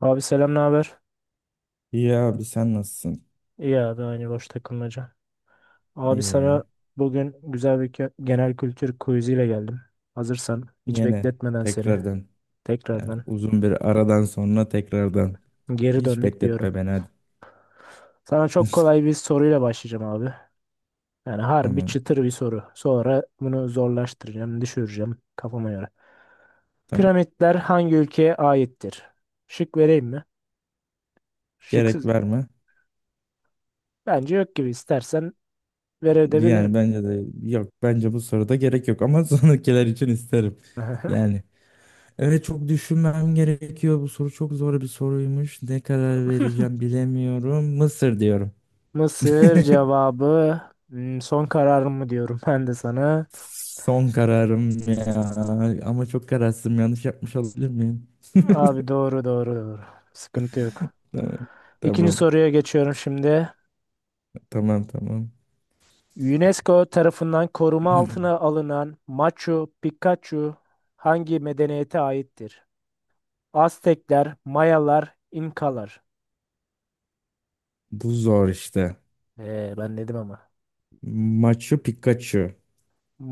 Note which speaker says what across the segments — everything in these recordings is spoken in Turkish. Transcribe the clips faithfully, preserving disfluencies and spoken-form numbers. Speaker 1: Abi selam, ne haber?
Speaker 2: İyi abi sen nasılsın?
Speaker 1: İyi abi aynı boş takılmaca. Abi
Speaker 2: İyi.
Speaker 1: sana bugün güzel bir kö- genel kültür quiz'iyle geldim. Hazırsan hiç
Speaker 2: Yine
Speaker 1: bekletmeden seni
Speaker 2: tekrardan. Yani
Speaker 1: tekrardan
Speaker 2: uzun bir aradan sonra tekrardan.
Speaker 1: geri
Speaker 2: Hiç
Speaker 1: döndük diyorum.
Speaker 2: bekletme beni hadi.
Speaker 1: Sana çok kolay bir soruyla başlayacağım abi. Yani harbi
Speaker 2: Tamam.
Speaker 1: çıtır bir soru. Sonra bunu zorlaştıracağım, düşüreceğim kafama göre.
Speaker 2: Tamam.
Speaker 1: Piramitler hangi ülkeye aittir? Şık vereyim mi?
Speaker 2: Gerek
Speaker 1: Şıksız
Speaker 2: verme.
Speaker 1: bence yok gibi, istersen
Speaker 2: Yani
Speaker 1: verebilirim.
Speaker 2: bence de yok. Bence bu soruda gerek yok ama sonrakiler için isterim. Yani evet, çok düşünmem gerekiyor. Bu soru çok zor bir soruymuş. Ne karar vereceğim bilemiyorum. Mısır diyorum.
Speaker 1: Mısır cevabı hmm, son kararım mı diyorum ben de sana.
Speaker 2: Son kararım ya. Ama çok kararsızım. Yanlış yapmış olabilir miyim?
Speaker 1: Abi doğru doğru doğru. Sıkıntı yok.
Speaker 2: Tamam.
Speaker 1: İkinci
Speaker 2: Tamam.
Speaker 1: soruya geçiyorum şimdi.
Speaker 2: Tamam tamam.
Speaker 1: UNESCO tarafından koruma altına alınan Machu Picchu hangi medeniyete aittir? Aztekler, Mayalar, İnkalar.
Speaker 2: Bu zor işte.
Speaker 1: Ee, ben dedim ama.
Speaker 2: Machu Picchu.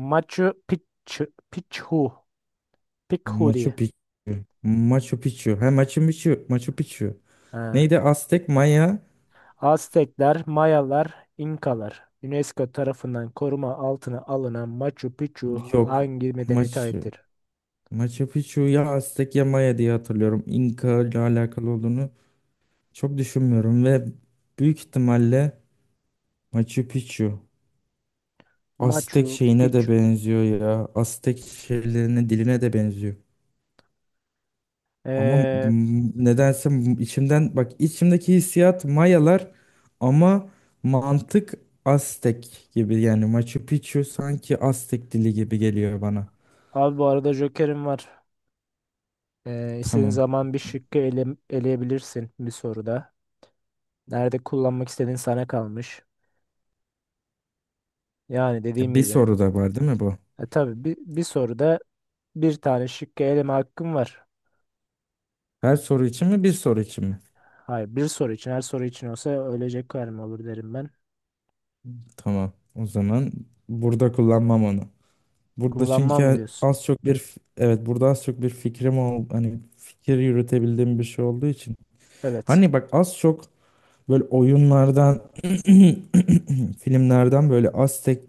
Speaker 1: Machu Picchu, Picchu, Picchu
Speaker 2: Machu
Speaker 1: diye.
Speaker 2: Picchu. Machu Picchu. Ha Machu Picchu. Machu Picchu. Neydi? Aztek, Maya.
Speaker 1: Aztekler, Mayalar, İnkalar. UNESCO tarafından koruma altına alınan Machu Picchu
Speaker 2: Yok.
Speaker 1: hangi medeniyete
Speaker 2: Machu.
Speaker 1: aittir?
Speaker 2: Machu Picchu ya Aztek ya Maya diye hatırlıyorum. İnka ile alakalı olduğunu çok düşünmüyorum ve büyük ihtimalle Machu Picchu. Aztek
Speaker 1: Machu
Speaker 2: şeyine de
Speaker 1: Picchu.
Speaker 2: benziyor ya. Aztek şeylerine, diline de benziyor. Ama
Speaker 1: Ee,
Speaker 2: m- nedense m- içimden bak içimdeki hissiyat Mayalar ama mantık Aztek gibi, yani Machu Picchu sanki Aztek dili gibi geliyor bana.
Speaker 1: abi bu arada Joker'im var. Ee, istediğin
Speaker 2: Tamam.
Speaker 1: zaman bir şıkkı ele, eleyebilirsin bir soruda. Nerede kullanmak istediğin sana kalmış. Yani
Speaker 2: Ya
Speaker 1: dediğim
Speaker 2: bir
Speaker 1: gibi.
Speaker 2: soru da var değil mi bu?
Speaker 1: E, tabii bir, bir soruda bir tane şıkkı eleme hakkım var.
Speaker 2: Her soru için mi bir soru için mi?
Speaker 1: Hayır, bir soru için. Her soru için olsa ölecek kadar mı olur derim ben.
Speaker 2: Tamam. O zaman burada kullanmam onu. Burada
Speaker 1: Kullanmam mı
Speaker 2: çünkü
Speaker 1: diyorsun?
Speaker 2: az çok bir f- evet burada az çok bir fikrim ol hani fikir yürütebildiğim bir şey olduğu için.
Speaker 1: Evet.
Speaker 2: Hani bak az çok böyle oyunlardan filmlerden böyle Aztek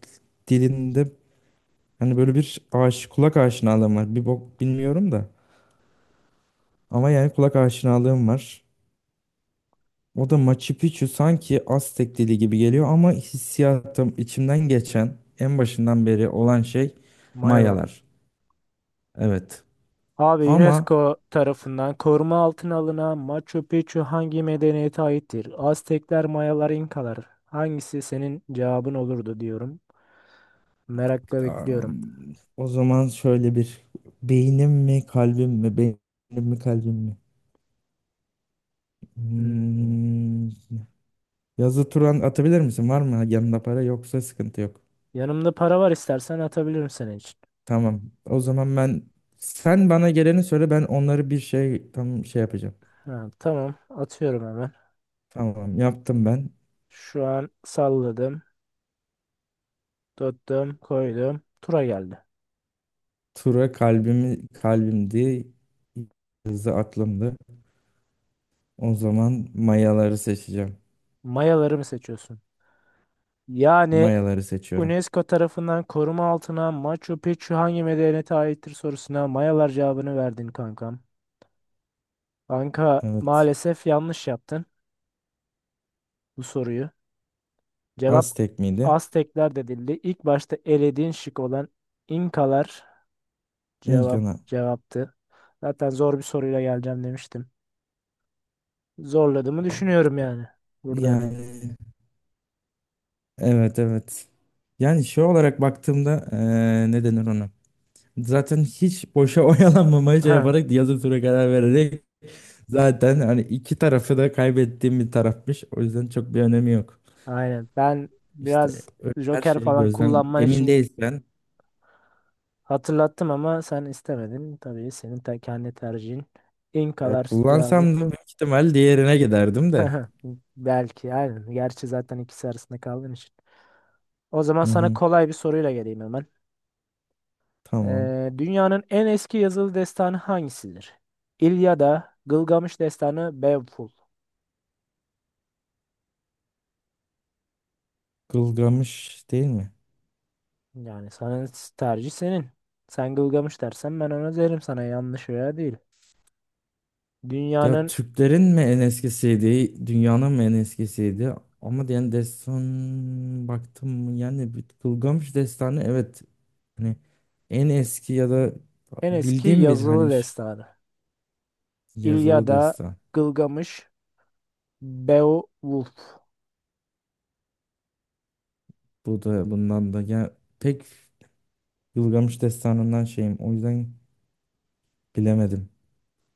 Speaker 2: dilinde hani böyle bir aş kulak aşinalığım var. Bir bok bilmiyorum da. Ama yani kulak aşinalığım var. O da Machu Picchu sanki Aztek dili gibi geliyor ama hissiyatım içimden geçen en başından beri olan şey
Speaker 1: Mayalar.
Speaker 2: Mayalar. Evet.
Speaker 1: Abi
Speaker 2: Ama
Speaker 1: UNESCO tarafından koruma altına alınan Machu Picchu hangi medeniyete aittir? Aztekler, Mayalar, İnkalar. Hangisi senin cevabın olurdu diyorum. Merakla bekliyorum.
Speaker 2: am, o zaman şöyle bir beynim mi kalbim mi beynim mi kalbim mi?
Speaker 1: Hmm.
Speaker 2: Hmm, yazı Turan atabilir misin? Var mı yanında para, yoksa sıkıntı yok.
Speaker 1: Yanımda para var, istersen atabilirim senin için.
Speaker 2: Tamam. O zaman ben sen bana geleni söyle, ben onları bir şey tam şey yapacağım.
Speaker 1: Ha, tamam atıyorum hemen.
Speaker 2: Tamam, yaptım ben.
Speaker 1: Şu an salladım, tuttum, koydum. Tura geldi.
Speaker 2: Tura, kalbimi, kalbimdi. Hızı aklımdı. O zaman mayaları seçeceğim.
Speaker 1: Mayaları mı seçiyorsun? Yani
Speaker 2: Mayaları seçiyorum.
Speaker 1: UNESCO tarafından koruma altına Machu Picchu hangi medeniyete aittir sorusuna Mayalar cevabını verdin kankam. Kanka
Speaker 2: Evet.
Speaker 1: maalesef yanlış yaptın bu soruyu. Cevap
Speaker 2: Aztek miydi?
Speaker 1: Aztekler dedildi. İlk başta elediğin şık olan İnkalar cevap
Speaker 2: İnkana.
Speaker 1: cevaptı. Zaten zor bir soruyla geleceğim demiştim. Zorladığımı düşünüyorum yani burada.
Speaker 2: Yani evet evet. Yani şey olarak baktığımda eee ne denir ona? Zaten hiç boşa oyalanmamaya şey yaparak yazı tura karar vererek. Zaten hani iki tarafı da kaybettiğim bir tarafmış. O yüzden çok bir önemi yok.
Speaker 1: Aynen. Ben
Speaker 2: İşte
Speaker 1: biraz
Speaker 2: öyle her
Speaker 1: Joker
Speaker 2: şeyi
Speaker 1: falan
Speaker 2: gözden
Speaker 1: kullanman
Speaker 2: emin
Speaker 1: için
Speaker 2: değilsen
Speaker 1: hatırlattım ama sen istemedin. Tabii senin te- kendi tercihin.
Speaker 2: ya
Speaker 1: İnkalar cevabı.
Speaker 2: kullansam da büyük ihtimal diğerine giderdim de.
Speaker 1: Belki aynen. Gerçi zaten ikisi arasında kaldığın için. O zaman
Speaker 2: Hı
Speaker 1: sana
Speaker 2: hı,
Speaker 1: kolay bir soruyla geleyim hemen.
Speaker 2: tamam.
Speaker 1: Ee, dünyanın en eski yazılı destanı hangisidir? İlyada, Gılgamış destanı, Beowulf.
Speaker 2: Gılgamış değil mi?
Speaker 1: Yani sana tercih senin. Sen Gılgamış dersen ben ona derim sana yanlış veya değil.
Speaker 2: Ya
Speaker 1: Dünyanın
Speaker 2: Türklerin mi en eskisiydi, dünyanın mı en eskisiydi? Ama yani destan baktım mı, yani bir Gılgamış destanı evet, hani en eski ya da
Speaker 1: en eski
Speaker 2: bildiğim bir
Speaker 1: yazılı
Speaker 2: hani ş-
Speaker 1: destanı.
Speaker 2: yazılı
Speaker 1: İlyada,
Speaker 2: destan.
Speaker 1: Gılgamış, Beowulf.
Speaker 2: Bu da bundan da ya pek Gılgamış Destanı'ndan şeyim. O yüzden bilemedim.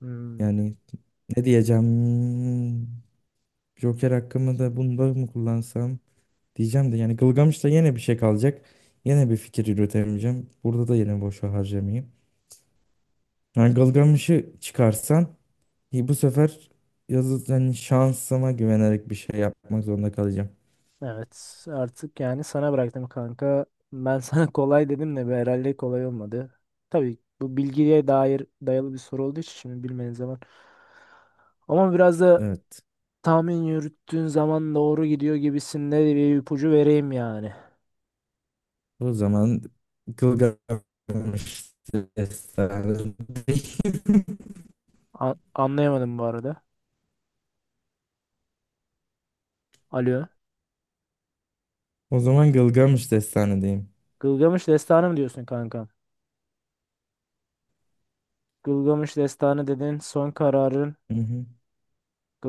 Speaker 1: Hmm,
Speaker 2: Yani ne diyeceğim? Joker hakkımı da bunda mı kullansam diyeceğim de yani Gılgamış'ta yine bir şey kalacak. Yine bir fikir yürütemeyeceğim. Burada da yine boşa harcamayayım. Yani Gılgamış'ı çıkarsan iyi, bu sefer yazı, yani şansıma güvenerek bir şey yapmak zorunda kalacağım.
Speaker 1: evet artık yani sana bıraktım kanka. Ben sana kolay dedim de be, herhalde kolay olmadı. Tabii bu bilgiye dair dayalı bir soru olduğu için şimdi bilmeniz zaman. Ama biraz da
Speaker 2: Evet.
Speaker 1: tahmin yürüttüğün zaman doğru gidiyor gibisinde bir ipucu vereyim yani.
Speaker 2: O zaman Gılgamış Destanı.
Speaker 1: A- anlayamadım bu arada. Alo.
Speaker 2: O zaman Gılgamış Destanı'deyim.
Speaker 1: Gılgamış Destanı mı diyorsun kanka? Gılgamış Destanı dedin. Son kararın
Speaker 2: Hı hı.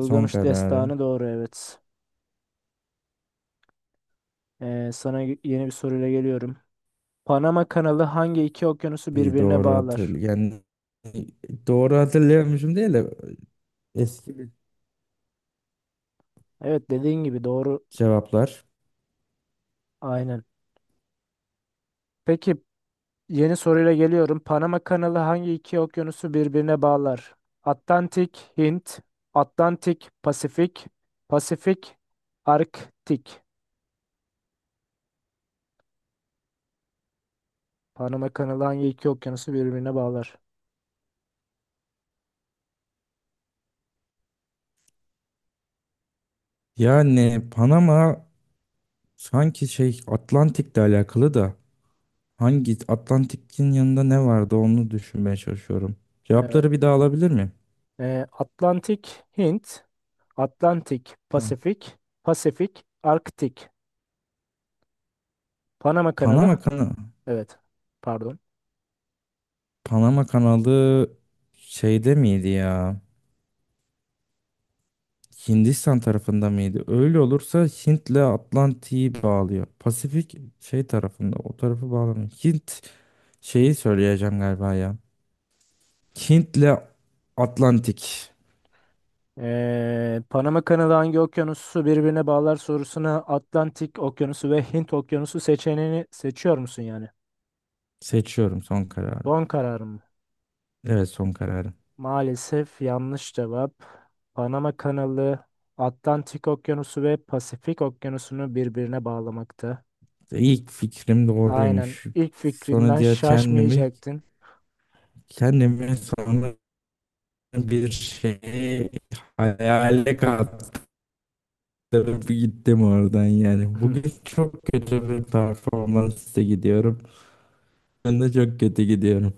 Speaker 2: Son kararım.
Speaker 1: Destanı doğru evet. Ee, sana yeni bir soruyla geliyorum. Panama Kanalı hangi iki okyanusu
Speaker 2: İyi,
Speaker 1: birbirine
Speaker 2: doğru
Speaker 1: bağlar?
Speaker 2: hatırlı. Yani doğru hatırlayamıyorum değil de eski bir
Speaker 1: Evet dediğin gibi doğru.
Speaker 2: cevaplar.
Speaker 1: Aynen. Peki yeni soruyla geliyorum. Panama Kanalı hangi iki okyanusu birbirine bağlar? Atlantik, Hint, Atlantik, Pasifik, Pasifik, Arktik. Panama Kanalı hangi iki okyanusu birbirine bağlar?
Speaker 2: Yani Panama sanki şey Atlantik'le alakalı da hangi Atlantik'in yanında ne vardı onu düşünmeye çalışıyorum.
Speaker 1: Evet.
Speaker 2: Cevapları bir daha alabilir miyim?
Speaker 1: Ee, Atlantik, Hint, Atlantik,
Speaker 2: Ha.
Speaker 1: Pasifik, Pasifik, Arktik. Panama Kanalı.
Speaker 2: Panama kanalı.
Speaker 1: Evet. Pardon.
Speaker 2: Panama kanalı şeyde miydi ya? Hindistan tarafında mıydı? Öyle olursa Hint'le Atlantik'i bağlıyor. Pasifik şey tarafında, o tarafı bağlamıyor. Hint şeyi söyleyeceğim galiba ya. Hint'le Atlantik
Speaker 1: Ee, Panama kanalı hangi okyanusu birbirine bağlar sorusuna Atlantik Okyanusu ve Hint Okyanusu seçeneğini seçiyor musun yani?
Speaker 2: seçiyorum, son kararım.
Speaker 1: Son kararım.
Speaker 2: Evet, son kararım.
Speaker 1: Maalesef yanlış cevap. Panama kanalı Atlantik Okyanusu ve Pasifik Okyanusu'nu birbirine bağlamakta.
Speaker 2: İlk fikrim
Speaker 1: Aynen
Speaker 2: doğruymuş.
Speaker 1: ilk
Speaker 2: Sonra
Speaker 1: fikrinden
Speaker 2: diğer kendimi
Speaker 1: şaşmayacaktın.
Speaker 2: kendimi sonra bir şey hayale kaptırıp gittim oradan yani. Bugün çok kötü bir performansla gidiyorum. Ben de çok kötü gidiyorum.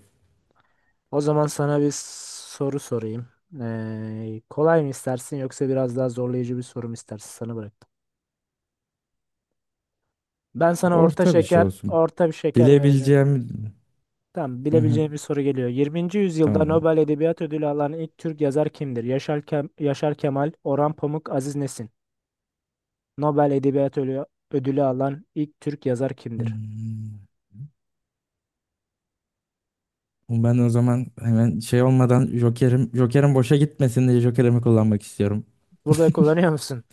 Speaker 1: O zaman sana bir soru sorayım. Ee, kolay mı istersin yoksa biraz daha zorlayıcı bir soru mu istersin? Sana bıraktım. Ben sana orta
Speaker 2: Orta bir şey
Speaker 1: şeker,
Speaker 2: olsun.
Speaker 1: orta bir şeker vereceğim.
Speaker 2: Bilebileceğim...
Speaker 1: Tamam,
Speaker 2: Hı hı,
Speaker 1: bilebileceğim bir soru geliyor. yirminci yüzyılda
Speaker 2: tamam.
Speaker 1: Nobel Edebiyat Ödülü alan ilk Türk yazar kimdir? Yaşar, Kem- Yaşar Kemal, Orhan Pamuk, Aziz Nesin. Nobel Edebiyat Ölü- Ödülü alan ilk Türk yazar kimdir?
Speaker 2: Hmm. Ben o zaman hemen şey olmadan Joker'im Joker'im boşa gitmesin diye Joker'imi kullanmak istiyorum.
Speaker 1: Burada kullanıyor musun?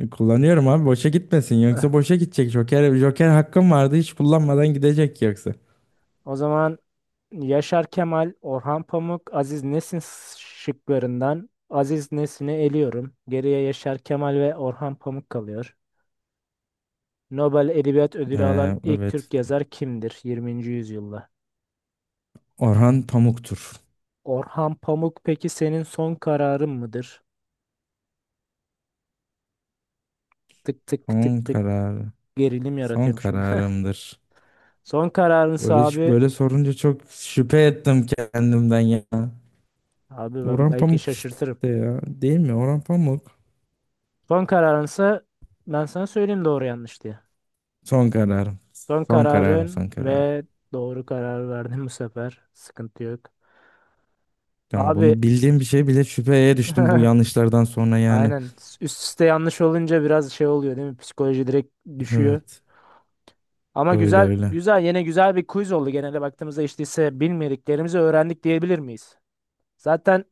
Speaker 2: E, Kullanıyorum abi, boşa gitmesin,
Speaker 1: Eh,
Speaker 2: yoksa boşa gidecek. Joker Joker hakkım vardı, hiç kullanmadan gidecek yoksa.
Speaker 1: o zaman Yaşar Kemal, Orhan Pamuk, Aziz Nesin şıklarından Aziz Nesin'i eliyorum. Geriye Yaşar Kemal ve Orhan Pamuk kalıyor. Nobel Edebiyat Ödülü alan
Speaker 2: Ee,
Speaker 1: ilk
Speaker 2: evet.
Speaker 1: Türk yazar kimdir yirminci yüzyılda?
Speaker 2: Orhan Pamuk'tur.
Speaker 1: Orhan Pamuk peki senin son kararın mıdır? Tık tık
Speaker 2: Son
Speaker 1: tık tık
Speaker 2: kararı.
Speaker 1: gerilim
Speaker 2: Son
Speaker 1: yaratıyorum şimdi.
Speaker 2: kararımdır.
Speaker 1: Son kararınsa
Speaker 2: Böyle
Speaker 1: abi,
Speaker 2: böyle sorunca çok şüphe ettim kendimden ya.
Speaker 1: abi ben
Speaker 2: Orhan
Speaker 1: belki
Speaker 2: Pamuk işte
Speaker 1: şaşırtırım.
Speaker 2: ya. Değil mi? Orhan Pamuk.
Speaker 1: Son kararınsa ben sana söyleyeyim doğru yanlış diye.
Speaker 2: Son kararım.
Speaker 1: Son
Speaker 2: Son kararım,
Speaker 1: kararın
Speaker 2: son kararım.
Speaker 1: ve doğru kararı verdim bu sefer. Sıkıntı yok.
Speaker 2: Tamam,
Speaker 1: Abi
Speaker 2: bunu bildiğim bir şey bile şüpheye düştüm bu yanlışlardan sonra yani.
Speaker 1: aynen, üst üste yanlış olunca biraz şey oluyor değil mi? Psikoloji direkt düşüyor.
Speaker 2: Evet.
Speaker 1: Ama
Speaker 2: Böyle
Speaker 1: güzel,
Speaker 2: öyle.
Speaker 1: güzel yine güzel bir quiz oldu. Genelde baktığımızda işte ise bilmediklerimizi öğrendik diyebilir miyiz? Zaten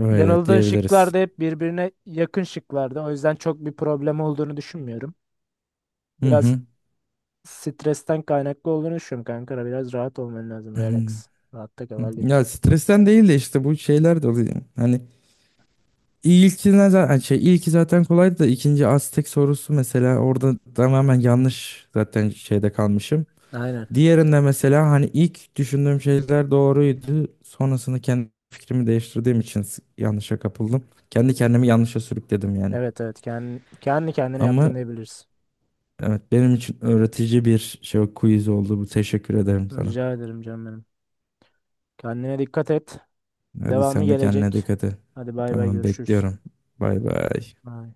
Speaker 2: Öyle
Speaker 1: yanıldığın
Speaker 2: diyebiliriz.
Speaker 1: şıklar da hep birbirine yakın şıklardı. O yüzden çok bir problem olduğunu düşünmüyorum.
Speaker 2: Hı
Speaker 1: Biraz
Speaker 2: hı.
Speaker 1: stresten kaynaklı olduğunu düşünüyorum kanka. Biraz rahat olman lazım.
Speaker 2: Hı hı.
Speaker 1: Relax. Rahatta kal
Speaker 2: Ya
Speaker 1: halledeceğiz.
Speaker 2: stresten değil de işte bu şeyler de oluyor. Hani ilkine zaten şey, ilki zaten kolaydı da ikinci Aztek sorusu mesela orada tamamen yanlış, zaten şeyde kalmışım.
Speaker 1: Aynen.
Speaker 2: Diğerinde mesela hani ilk düşündüğüm şeyler doğruydu. Sonrasında kendi fikrimi değiştirdiğim için s- yanlışa kapıldım. Kendi kendimi yanlışa sürükledim yani.
Speaker 1: Evet evet. Kendi, kendi kendine
Speaker 2: Ama
Speaker 1: yaptın diyebiliriz.
Speaker 2: evet, benim için öğretici bir şey quiz oldu bu. Teşekkür ederim sana.
Speaker 1: Rica ederim canım benim. Kendine dikkat et.
Speaker 2: Hadi
Speaker 1: Devamı
Speaker 2: sen de kendine
Speaker 1: gelecek.
Speaker 2: dikkat et.
Speaker 1: Hadi bay bay
Speaker 2: Tamam,
Speaker 1: görüşürüz.
Speaker 2: bekliyorum. Bay bay.
Speaker 1: Bye.